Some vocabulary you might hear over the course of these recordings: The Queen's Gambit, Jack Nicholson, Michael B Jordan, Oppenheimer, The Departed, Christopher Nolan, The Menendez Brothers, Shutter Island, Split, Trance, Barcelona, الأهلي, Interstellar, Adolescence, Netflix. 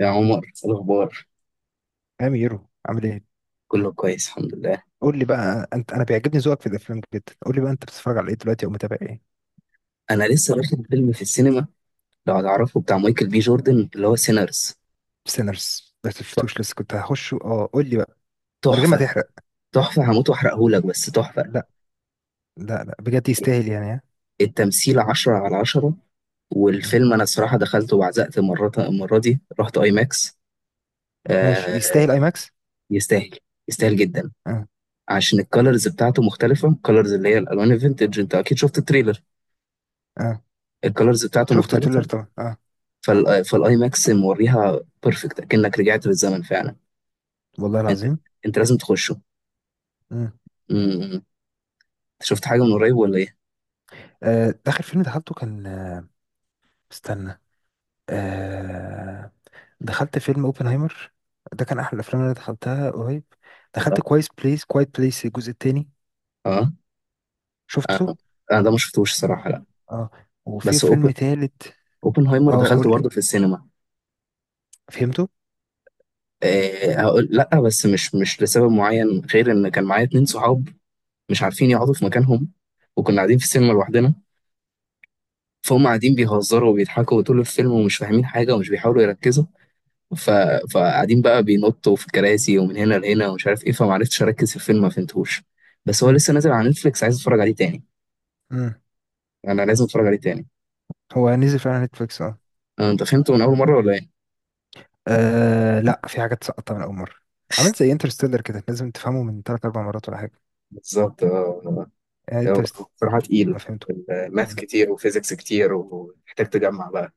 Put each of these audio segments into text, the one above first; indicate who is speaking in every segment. Speaker 1: يا عمر، إيه الأخبار؟
Speaker 2: أميرو عامل ايه؟
Speaker 1: كله كويس، الحمد لله.
Speaker 2: قول لي بقى انت، انا بيعجبني ذوقك في الافلام جدا. قول لي بقى انت بتتفرج على ايه دلوقتي او متابع ايه؟
Speaker 1: أنا لسه واخد فيلم في السينما، لو هتعرفه، بتاع مايكل بي جوردن، اللي هو سينرز.
Speaker 2: سينرز ما شفتوش لسه، كنت هخش. اه قول لي بقى من غير ما
Speaker 1: تحفة.
Speaker 2: تحرق.
Speaker 1: تحفة، هموت وأحرقهولك، بس تحفة.
Speaker 2: لا. لا بجد يستاهل يعني؟ ها؟
Speaker 1: التمثيل عشرة على عشرة.
Speaker 2: مم.
Speaker 1: والفيلم أنا الصراحة دخلته وعزقت، مرة المرة دي رحت أي ماكس.
Speaker 2: ماشي،
Speaker 1: آه.
Speaker 2: يستاهل اي ماكس؟
Speaker 1: يستاهل، يستاهل جدا.
Speaker 2: اه
Speaker 1: عشان الكالرز بتاعته مختلفة، الكالرز اللي هي الألوان الفينتج. أنت أكيد شفت التريلر.
Speaker 2: اه.
Speaker 1: الكالرز بتاعته
Speaker 2: شفت التريلر
Speaker 1: مختلفة.
Speaker 2: طبعا، اه.
Speaker 1: فالآي ماكس موريها بيرفكت، أكنك رجعت بالزمن فعلا.
Speaker 2: والله
Speaker 1: انت
Speaker 2: العظيم.
Speaker 1: انت لازم تخشه.
Speaker 2: مم.
Speaker 1: انت شفت حاجه من قريب ولا ايه؟
Speaker 2: آه. اخر فيلم دخلته كان استنى. آه. دخلت فيلم اوبنهايمر. ده كان احلى الافلام اللي انا دخلتها قريب. دخلت كويس بليس، كوايت بليس الجزء التاني.
Speaker 1: اه.
Speaker 2: شفته.
Speaker 1: اه. انا ده ما شفتوش صراحه،
Speaker 2: اه.
Speaker 1: لا.
Speaker 2: اه. وفي
Speaker 1: بس
Speaker 2: فيلم تالت.
Speaker 1: اوبنهايمر
Speaker 2: اه
Speaker 1: دخلته
Speaker 2: قول لي،
Speaker 1: برضه في السينما.
Speaker 2: فهمته.
Speaker 1: آه، هقول لا، بس مش لسبب معين غير ان كان معايا اتنين صحاب مش عارفين يقعدوا في مكانهم. وكنا قاعدين في السينما لوحدنا، فهم قاعدين بيهزروا وبيضحكوا طول الفيلم ومش فاهمين حاجه ومش بيحاولوا يركزوا. ف... فقاعدين بقى بينطوا في الكراسي ومن هنا لهنا ومش عارف ايه، فمعرفتش اركز في الفيلم، ما فهمتهوش. بس هو
Speaker 2: امم.
Speaker 1: لسه نازل على نتفليكس، عايز اتفرج عليه تاني.
Speaker 2: امم.
Speaker 1: انا لازم اتفرج عليه تاني.
Speaker 2: هو نزل فعلا نتفليكس، اه.
Speaker 1: آه، انت فهمته من اول مره ولا ايه؟
Speaker 2: لا، في حاجات سقطت من اول مره. عملت زي انترستيلر كده، لازم تفهمه من ثلاث اربع مرات ولا حاجه.
Speaker 1: بالظبط.
Speaker 2: انترستيلر
Speaker 1: بصراحه
Speaker 2: ما
Speaker 1: تقيل،
Speaker 2: فهمته.
Speaker 1: ماث
Speaker 2: مم.
Speaker 1: كتير وفيزيكس كتير ومحتاج تجمع بقى.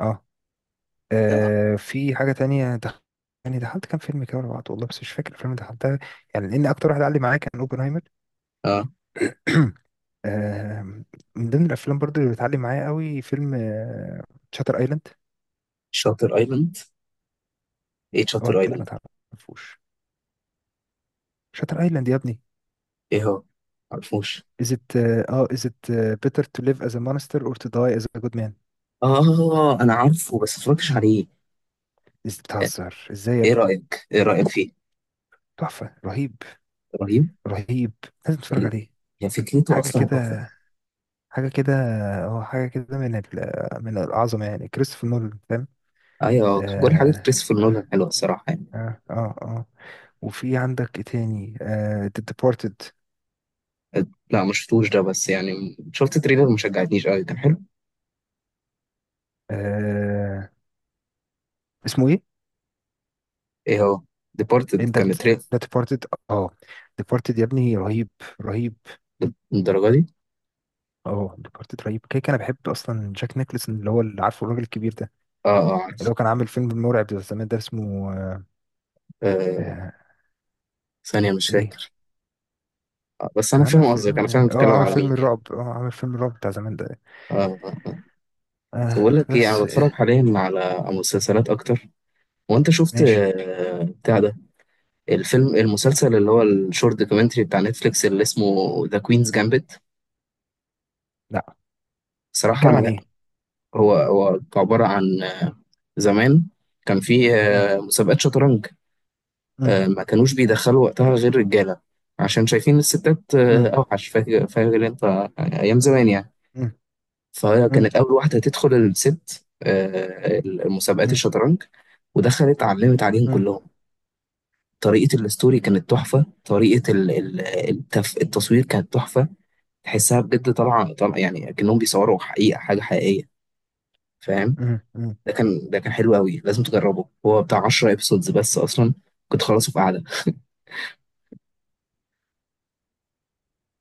Speaker 2: اه.
Speaker 1: اه.
Speaker 2: في حاجه تانية يعني دخلت كام فيلم كده ورا بعض والله، بس مش فاكر الفيلم اللي دخلتها. يعني لان اكتر واحد علق معايا كان اوبنهايمر.
Speaker 1: اه.
Speaker 2: آه، من ضمن الافلام برضو اللي بتعلم معايا قوي فيلم شاتر ايلاند.
Speaker 1: شاطر ايلاند؟ ايه
Speaker 2: اوعى
Speaker 1: شاطر
Speaker 2: تقولي ما
Speaker 1: ايلاند؟
Speaker 2: تعرفوش. شاتر ايلاند يا ابني.
Speaker 1: ايه هو؟ معرفوش.
Speaker 2: is it اه is it better to live as a monster or to die as a good man.
Speaker 1: اه، انا عارفه بس متفرجتش عليه.
Speaker 2: is
Speaker 1: آه،
Speaker 2: بتهزر ازاي يا
Speaker 1: ايه
Speaker 2: ابني؟
Speaker 1: رايك ايه رايك فيه؟
Speaker 2: تحفة. رهيب.
Speaker 1: رهيب.
Speaker 2: رهيب. لازم تتفرج
Speaker 1: ال-
Speaker 2: عليه.
Speaker 1: هي فكرته
Speaker 2: حاجة
Speaker 1: اصلا تحفه.
Speaker 2: كده، حاجة كده. اه حاجة كده من من العظمة، يعني كريستوفر نولان، فاهم.
Speaker 1: ايوه، كل حاجه
Speaker 2: اه
Speaker 1: كريستوفر نولان
Speaker 2: اه
Speaker 1: حلوه الصراحه يعني.
Speaker 2: اه. آه. وفي عندك ايه تاني؟ آه The Departed.
Speaker 1: آه، لا ما شفتوش ده، بس يعني شفت تريلر ما شجعتنيش قوي، كان حلو.
Speaker 2: آه اسمه ايه؟
Speaker 1: ايه هو؟ ديبارتد
Speaker 2: انت
Speaker 1: كان
Speaker 2: بت...
Speaker 1: تريلر.
Speaker 2: The Departed. اه Departed يا ابني، رهيب. رهيب.
Speaker 1: الدرجه دي؟
Speaker 2: اه ديكارت رهيب. كده كده انا بحب اصلا جاك نيكلسون، اللي هو اللي عارفه الراجل الكبير ده.
Speaker 1: اه. اه،
Speaker 2: اللي
Speaker 1: عارف.
Speaker 2: هو كان عامل فيلم مرعب ده زمان، ده اسمه
Speaker 1: آه،
Speaker 2: آه
Speaker 1: ثانية، مش
Speaker 2: ايه.
Speaker 1: فاكر. بس أنا
Speaker 2: كان عامل
Speaker 1: فاهم قصدك، أنا فاهم
Speaker 2: فيلم
Speaker 1: بتتكلم
Speaker 2: عامل
Speaker 1: على
Speaker 2: فيلم
Speaker 1: مين يعني.
Speaker 2: الرعب، عامل فيلم الرعب بتاع زمان ده.
Speaker 1: آه. آه. آه. بس
Speaker 2: آه
Speaker 1: بقول لك إيه، أنا
Speaker 2: بس
Speaker 1: بتفرج
Speaker 2: آه
Speaker 1: حاليا على مسلسلات أكتر. وأنت شفت
Speaker 2: ماشي.
Speaker 1: بتاع ده؟ الفيلم، المسلسل اللي هو الشورت دوكيومنتري بتاع نتفليكس اللي اسمه ذا كوينز جامبت.
Speaker 2: لا،
Speaker 1: بصراحة
Speaker 2: بيتكلم عن
Speaker 1: أنا.
Speaker 2: ايه؟
Speaker 1: هو عبارة عن زمان كان في
Speaker 2: مم.
Speaker 1: مسابقات شطرنج.
Speaker 2: مم.
Speaker 1: ما كانوش بيدخلوا وقتها غير رجالة، عشان شايفين الستات
Speaker 2: مم.
Speaker 1: أوحش. فاكر، فاكر أنت أيام زمان يعني؟
Speaker 2: مم.
Speaker 1: فهي
Speaker 2: مم.
Speaker 1: كانت أول واحدة تدخل الست المسابقات
Speaker 2: مم.
Speaker 1: الشطرنج. ودخلت، علمت عليهم
Speaker 2: مم.
Speaker 1: كلهم. طريقة الستوري كانت تحفة. طريقة التصوير كانت تحفة. تحسها بجد طالعة، طالعة يعني، أكنهم بيصوروا حقيقة حاجة حقيقية. فاهم؟
Speaker 2: مم. مم.
Speaker 1: ده كان حلو قوي، لازم تجربه. هو بتاع 10 ابيسودز بس أصلا، كنت خلصه في قعدة.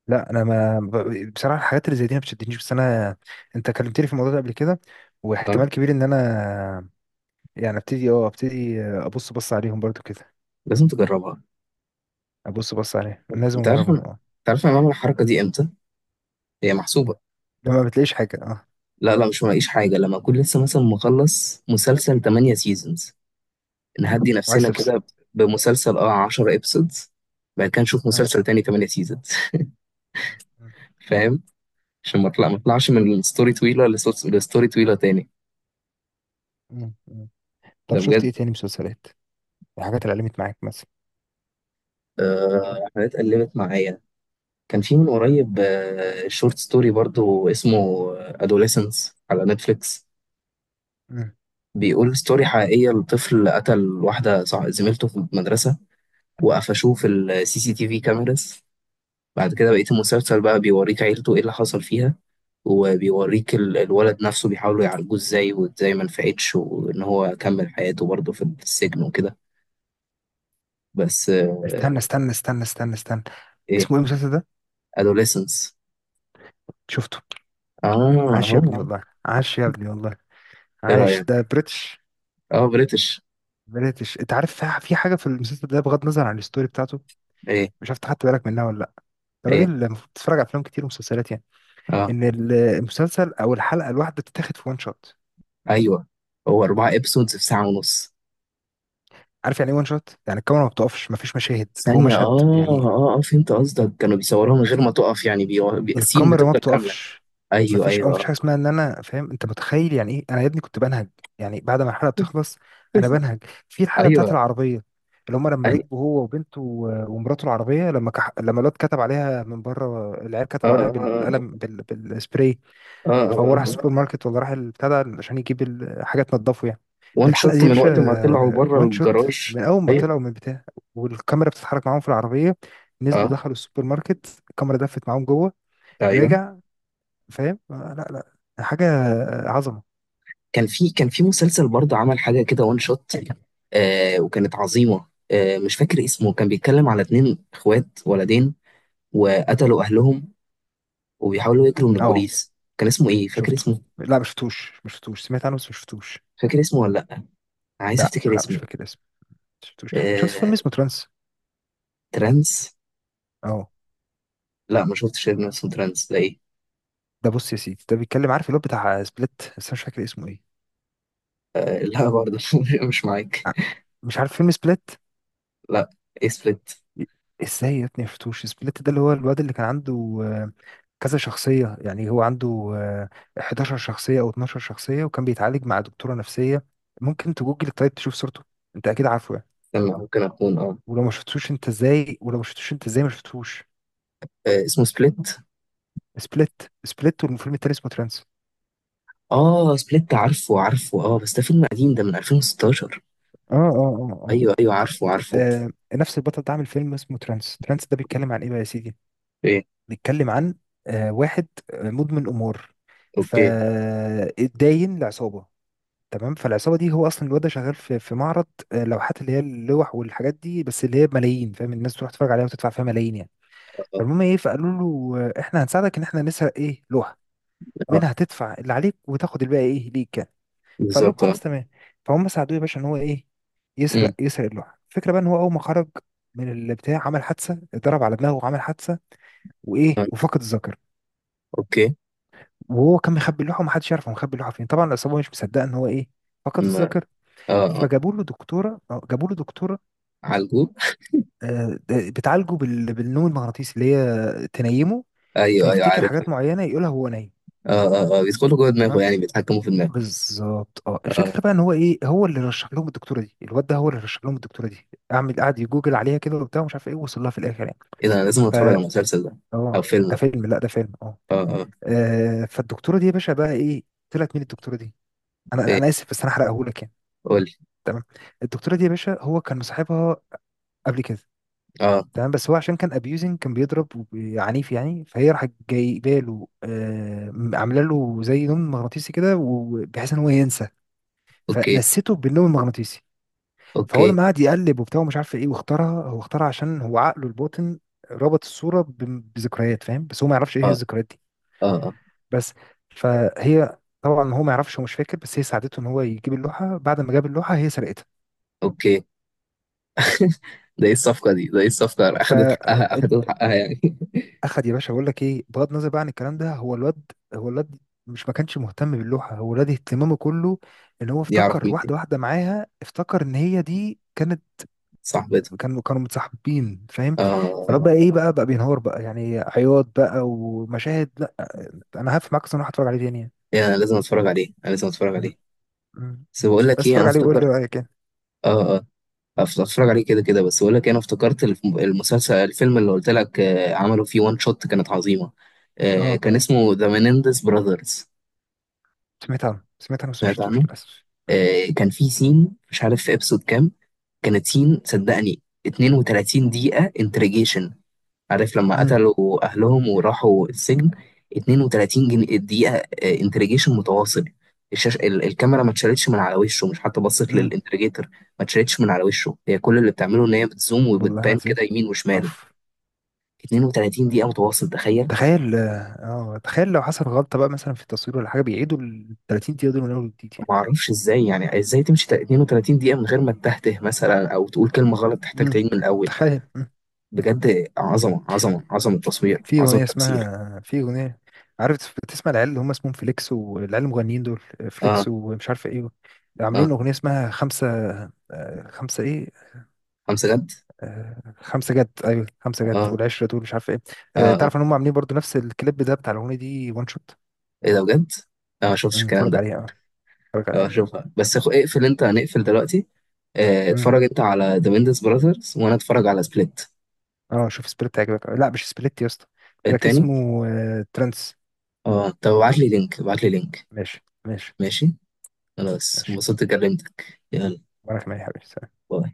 Speaker 2: لا انا ما ب- بصراحه الحاجات اللي زي دي ما بتشدنيش، بس انا انت كلمتني في الموضوع ده قبل كده.
Speaker 1: تمام،
Speaker 2: واحتمال كبير ان انا يعني ابتدي، ابتدي ابص بص عليهم برضو كده.
Speaker 1: لازم تجربها.
Speaker 2: ابص بص عليه، لازم اجربهم اه.
Speaker 1: أنت عارف أنا بعمل الحركة دي إمتى. هي محسوبة.
Speaker 2: لما بتلاقيش حاجه اه.
Speaker 1: لا، لا، مش ملاقيش حاجة، لما أكون لسه مثلا مخلص مسلسل 8 سيزونز، نهدي
Speaker 2: وعايز
Speaker 1: نفسنا
Speaker 2: تفصل.
Speaker 1: كده بمسلسل 10 ابسودز، بعد كده نشوف
Speaker 2: اه.
Speaker 1: مسلسل تاني 8 سيزونز.
Speaker 2: مم. مم.
Speaker 1: فاهم؟ عشان ما اطلعش من ستوري طويله لستوري طويله تاني.
Speaker 2: مم. مم. طب
Speaker 1: ده
Speaker 2: شفت
Speaker 1: بجد.
Speaker 2: ايه تاني مسلسلات؟ الحاجات اللي علمت معاك مثلا.
Speaker 1: حاجات قلبت معايا. كان في من قريب شورت ستوري برضو اسمه ادوليسنس على نتفليكس.
Speaker 2: مم.
Speaker 1: بيقول ستوري حقيقيه لطفل قتل واحده زميلته في المدرسه، وقفشوه في السي سي تي في كاميراز. بعد كده بقيه المسلسل بقى بيوريك عيلته ايه اللي حصل فيها، وبيوريك
Speaker 2: مم.
Speaker 1: الولد نفسه بيحاولوا يعالجوه ازاي، وازاي ما نفعتش، وان هو كمل حياته برضه في السجن وكده. بس
Speaker 2: استنى استنى استنى استنى استنى
Speaker 1: ايه
Speaker 2: اسمه ايه المسلسل ده؟
Speaker 1: adolescence؟
Speaker 2: شفته.
Speaker 1: اه،
Speaker 2: عاش يا ابني
Speaker 1: هو.
Speaker 2: والله، عاش يا ابني والله.
Speaker 1: ايه
Speaker 2: عاش، ده
Speaker 1: رأيك؟
Speaker 2: بريتش.
Speaker 1: اه، بريتش.
Speaker 2: بريتش. انت عارف، في حاجه في المسلسل ده بغض النظر عن الستوري بتاعته،
Speaker 1: ايه.
Speaker 2: مش عارف خدت بالك منها ولا لا.
Speaker 1: ايه.
Speaker 2: الراجل المفروض تتفرج على افلام كتير ومسلسلات، يعني
Speaker 1: اه.
Speaker 2: ان المسلسل او الحلقه الواحده بتتاخد في وان شوت.
Speaker 1: ايوه. هو 4 ابسودز في ساعة ونص.
Speaker 2: عارف يعني ايه وان شوت؟ يعني الكاميرا ما بتقفش، ما فيش مشاهد، هو
Speaker 1: ثانية،
Speaker 2: مشهد
Speaker 1: اه،
Speaker 2: يعني.
Speaker 1: اه، اه، فهمت قصدك. كانوا بيصوروها من غير ما تقف يعني. السين
Speaker 2: الكاميرا ما
Speaker 1: بتفضل كاملة.
Speaker 2: بتقفش.
Speaker 1: ايوه،
Speaker 2: ما
Speaker 1: ايوه،
Speaker 2: فيش حاجه
Speaker 1: آه.
Speaker 2: اسمها ان، انا فاهم انت متخيل يعني ايه، انا يا ابني كنت بنهج. يعني بعد ما الحلقه بتخلص، انا بنهج. في الحلقه بتاعت
Speaker 1: ايوه،
Speaker 2: العربيه، اللي هم لما
Speaker 1: اي،
Speaker 2: ركبوا هو وبنته ومراته العربيه، لما لما الواد كتب عليها من بره، العيال
Speaker 1: اه،
Speaker 2: كتبوا عليها
Speaker 1: اه،
Speaker 2: بالقلم
Speaker 1: اه،
Speaker 2: بالسبراي.
Speaker 1: اه، آه، آه.
Speaker 2: فهو راح السوبر
Speaker 1: آه.
Speaker 2: ماركت، ولا راح البتاع ده عشان يجيب الحاجات تنضفه يعني.
Speaker 1: وان
Speaker 2: الحلقه
Speaker 1: شوت
Speaker 2: دي يا
Speaker 1: من
Speaker 2: باشا
Speaker 1: وقت ما طلعوا بره
Speaker 2: وان شوت،
Speaker 1: الجراج.
Speaker 2: من اول ما
Speaker 1: ايوه.
Speaker 2: طلعوا من البتاع والكاميرا بتتحرك معاهم في العربيه، نزلوا
Speaker 1: اه.
Speaker 2: دخلوا السوبر ماركت، الكاميرا دفت معاهم جوه.
Speaker 1: ايوه.
Speaker 2: رجع. فاهم؟ لا. لا حاجه. عظمه.
Speaker 1: كان في مسلسل برضه عمل حاجه كده وان شوت، وكانت عظيمه. مش فاكر اسمه. كان بيتكلم على اتنين اخوات ولدين، وقتلوا اهلهم وبيحاولوا يجروا من
Speaker 2: اه
Speaker 1: البوليس. كان اسمه ايه؟ فاكر
Speaker 2: شفته.
Speaker 1: اسمه؟
Speaker 2: لا ما شفتوش، ما شفتوش، سمعت عنه بس ما شفتوش.
Speaker 1: فاكر اسمه ولا لا؟ عايز
Speaker 2: لا
Speaker 1: افتكر
Speaker 2: لا مش
Speaker 1: اسمه.
Speaker 2: فاكر اسمه. ما شفتوش. شفت
Speaker 1: آه،
Speaker 2: فيلم اسمه ترانس؟
Speaker 1: ترانس.
Speaker 2: اه.
Speaker 1: لا ما شفتش. إن اسمه ترانس ده ايه؟
Speaker 2: ده بص يا سيدي، ده بيتكلم، عارف اللي هو بتاع سبليت، بس انا مش فاكر اسمه ايه.
Speaker 1: آه، لا برضه مش معاك.
Speaker 2: ع- مش عارف فيلم سبليت؟
Speaker 1: لا. إيه سبليت؟
Speaker 2: ازاي يا ابني مشفتوش سبليت؟ ده اللي هو الواد اللي كان عنده آه، كذا شخصية، يعني هو عنده آه، 11 شخصية او 12 شخصية، وكان بيتعالج مع دكتورة نفسية. ممكن تجوجل طيب تشوف صورته، انت اكيد عارفه يعني.
Speaker 1: استنى، ممكن اكون اه.
Speaker 2: ولو ما شفتوش انت ازاي، ولو ما شفتوش انت ازاي ما شفتوش؟
Speaker 1: اسمه سبليت.
Speaker 2: سبليت. سبليت والفيلم التاني اسمه ترانس.
Speaker 1: اه، سبليت، عارفه، عارفه. اه، بس ده فيلم قديم، ده من 2016.
Speaker 2: اه.
Speaker 1: ايوه، ايوه، عارفه، عارفه.
Speaker 2: آه، نفس البطل ده عامل فيلم اسمه ترانس. ترانس ده بيتكلم عن ايه بقى يا سيدي؟
Speaker 1: ايه.
Speaker 2: بيتكلم عن واحد مدمن امور،
Speaker 1: اوكي. اه.
Speaker 2: فاتداين لعصابة. تمام. فالعصابه دي، هو اصلا الواد ده شغال في معرض لوحات، اللي هي اللوح والحاجات دي، بس اللي هي بملايين، فاهم، الناس تروح تتفرج عليها وتدفع فيها ملايين يعني.
Speaker 1: اه.
Speaker 2: فالمهم ايه، فقالوا له احنا هنساعدك ان احنا نسرق ايه لوحه،
Speaker 1: آه،
Speaker 2: منها تدفع اللي عليك وتاخد الباقي ايه ليك يعني. فقال لهم
Speaker 1: بالظبط. اه.
Speaker 2: خلاص، تمام. فهم ساعدوه يا باشا ان هو ايه،
Speaker 1: أمم.
Speaker 2: يسرق، يسرق اللوحه. الفكره بقى ان هو اول ما خرج من البتاع عمل حادثه، اتضرب على دماغه وعمل حادثه، وايه
Speaker 1: آه.
Speaker 2: وفقد الذاكره.
Speaker 1: اوكي.
Speaker 2: وهو كان مخبي اللوحه ومحدش يعرف هو مخبي اللوحه فين. طبعا العصابه مش مصدقه ان هو ايه، فقد
Speaker 1: أمم. اه.
Speaker 2: الذاكره.
Speaker 1: اه،
Speaker 2: فجابوا له دكتوره جابوا له دكتوره.
Speaker 1: عالجو.
Speaker 2: بتعالجه بالنوم المغناطيسي، اللي هي تنيمه
Speaker 1: ايوه، ايوه،
Speaker 2: فيفتكر
Speaker 1: عارفها.
Speaker 2: حاجات معينه يقولها هو نايم.
Speaker 1: اه. اه. اه، بيدخلوا جوه دماغه
Speaker 2: تمام.
Speaker 1: يعني، بيتحكموا في دماغه.
Speaker 2: بالظبط اه.
Speaker 1: اه.
Speaker 2: الفكره بقى ان هو ايه، هو اللي رشح لهم الدكتوره دي. الواد ده هو اللي رشح لهم الدكتوره دي، اعمل قعد يجوجل عليها كده وبتاع ومش عارف ايه، وصل لها في الاخر يعني.
Speaker 1: ايه ده؟ انا لازم
Speaker 2: ف
Speaker 1: اتفرج على المسلسل ده. او
Speaker 2: اه
Speaker 1: فيلم
Speaker 2: ده
Speaker 1: ده.
Speaker 2: فيلم. لا ده فيلم اه.
Speaker 1: اه. اه.
Speaker 2: فالدكتوره دي يا باشا بقى ايه؟ طلعت مين الدكتوره دي؟ انا
Speaker 1: ايه؟
Speaker 2: انا اسف بس انا هحرقهولك يعني.
Speaker 1: قولي.
Speaker 2: تمام. الدكتوره دي يا باشا، هو كان مصاحبها قبل كده.
Speaker 1: اه.
Speaker 2: تمام. بس هو عشان كان ابيوزنج، كان بيضرب عنيف يعني، فهي راحت جايبه له آه، عامله له زي نوم مغناطيسي كده، وبحيث ان هو ينسى.
Speaker 1: اوكي.
Speaker 2: فنسيته بالنوم المغناطيسي. فهو
Speaker 1: اوكي.
Speaker 2: لما قعد يقلب وبتاع ومش عارف ايه واختارها، هو اختارها عشان هو عقله الباطن ربط الصوره بذكريات، فاهم، بس هو ما يعرفش ايه هي
Speaker 1: اه.
Speaker 2: الذكريات دي.
Speaker 1: اه. اه.
Speaker 2: بس. فهي طبعا هو ما يعرفش، هو مش فاكر، بس هي ساعدته ان هو يجيب اللوحه. بعد ما جاب اللوحه، هي سرقتها.
Speaker 1: اوكي.
Speaker 2: بس.
Speaker 1: ده ايه الصفقة؟ اخدت حقها، اخدت حقها يعني؟
Speaker 2: اخد يا باشا. بقول لك ايه، بغض النظر بقى عن الكلام ده، هو الواد، هو الواد مش، ما كانش مهتم باللوحه. هو الواد اهتمامه كله ان هو
Speaker 1: دي اعرف
Speaker 2: افتكر
Speaker 1: مين دي.
Speaker 2: واحده، واحده معاها، افتكر ان هي دي كانت.
Speaker 1: صاحبتها.
Speaker 2: كانوا كانوا متصاحبين، فاهم. فالواد
Speaker 1: اه.
Speaker 2: بقى ايه، بقى بقى بينهار بقى يعني، عياط بقى ومشاهد لا. انا هقف معاك اصلا، هتفرج عليه تاني يعني.
Speaker 1: ايه، انا لازم اتفرج عليه، انا لازم اتفرج
Speaker 2: م-
Speaker 1: عليه.
Speaker 2: م-
Speaker 1: بس
Speaker 2: م.
Speaker 1: بقول لك
Speaker 2: بس
Speaker 1: ايه، انا
Speaker 2: اتفرج عليه وقول لي
Speaker 1: افتكرت.
Speaker 2: رايك يعني.
Speaker 1: اه. اه. هتفرج عليه كده كده. بس بقول لك إيه، انا افتكرت المسلسل، الفيلم اللي قلت لك عملوا فيه وان شوت كانت عظيمه.
Speaker 2: اه.
Speaker 1: كان اسمه ذا مينيندس براذرز.
Speaker 2: سمعت عنه، سمعت عنه بس
Speaker 1: سمعت
Speaker 2: مشفتوش
Speaker 1: عنه.
Speaker 2: للاسف. م-
Speaker 1: كان في سين مش عارف في ابسود كام، كانت سين، صدقني، 32 دقيقه انتريجيشن، عارف، لما
Speaker 2: م-
Speaker 1: قتلوا أهلهم وراحوا السجن. 32 جنيه دقيقة انتريجيشن متواصل. الشاشة، الكاميرا ما اتشالتش من على وشه، مش حتى بصت
Speaker 2: م.
Speaker 1: للانتريجيتور، ما اتشالتش من على وشه. هي كل اللي بتعمله إن هي بتزوم
Speaker 2: والله انا
Speaker 1: وبتبان
Speaker 2: زي.
Speaker 1: كده يمين وشمال.
Speaker 2: اوف.
Speaker 1: 32 دقيقة متواصل، تخيل.
Speaker 2: تخيل. اه تخيل لو حصل غلطة بقى مثلا في التصوير ولا حاجة، بيعيدوا ال 30 دقيقة دول من أول وجديد يعني.
Speaker 1: ما اعرفش ازاي يعني، ازاي تمشي 32 دقيقة من غير ما تتهته مثلا او تقول كلمة غلط تحتاج
Speaker 2: مم.
Speaker 1: تعيد من الاول.
Speaker 2: تخيل. مم.
Speaker 1: بجد، عظمة، عظمة، عظمة التصوير،
Speaker 2: في
Speaker 1: عظمة
Speaker 2: أغنية
Speaker 1: التمثيل.
Speaker 2: اسمها، في أغنية، عارف بتسمع العيال اللي هم اسمهم فليكس، والعيال المغنيين دول،
Speaker 1: اه.
Speaker 2: فليكس ومش عارف ايه، عاملين
Speaker 1: اه.
Speaker 2: أغنية اسمها خمسة خمسة ايه،
Speaker 1: خمسة جد.
Speaker 2: خمسة جد. ايوه خمسة جد
Speaker 1: اه.
Speaker 2: والعشرة دول مش عارف ايه.
Speaker 1: اه. آه.
Speaker 2: تعرف ان هم عاملين برضو نفس الكليب ده بتاع الأغنية دي وان شوت.
Speaker 1: ايه ده بجد؟ انا ما شفتش
Speaker 2: مم،
Speaker 1: الكلام
Speaker 2: اتفرج
Speaker 1: ده.
Speaker 2: عليها اه، اتفرج
Speaker 1: أو
Speaker 2: عليها.
Speaker 1: اشوفها، بس اخو، اقفل انت، هنقفل دلوقتي.
Speaker 2: مم.
Speaker 1: اتفرج انت على ذا ميندس براذرز وانا اتفرج على سبليت.
Speaker 2: اه شوف سبليت هيعجبك. لا مش سبليت يا اسطى، تراك
Speaker 1: التاني.
Speaker 2: اسمه ترانس.
Speaker 1: اه، طب ابعت لي لينك، ابعت لي لينك.
Speaker 2: ماشي ماشي.
Speaker 1: ماشي. خلاص،
Speaker 2: ماشي.
Speaker 1: انبسطت، كلمتك، يلا.
Speaker 2: وانا كمان يا حبيبي، سلام.
Speaker 1: باي.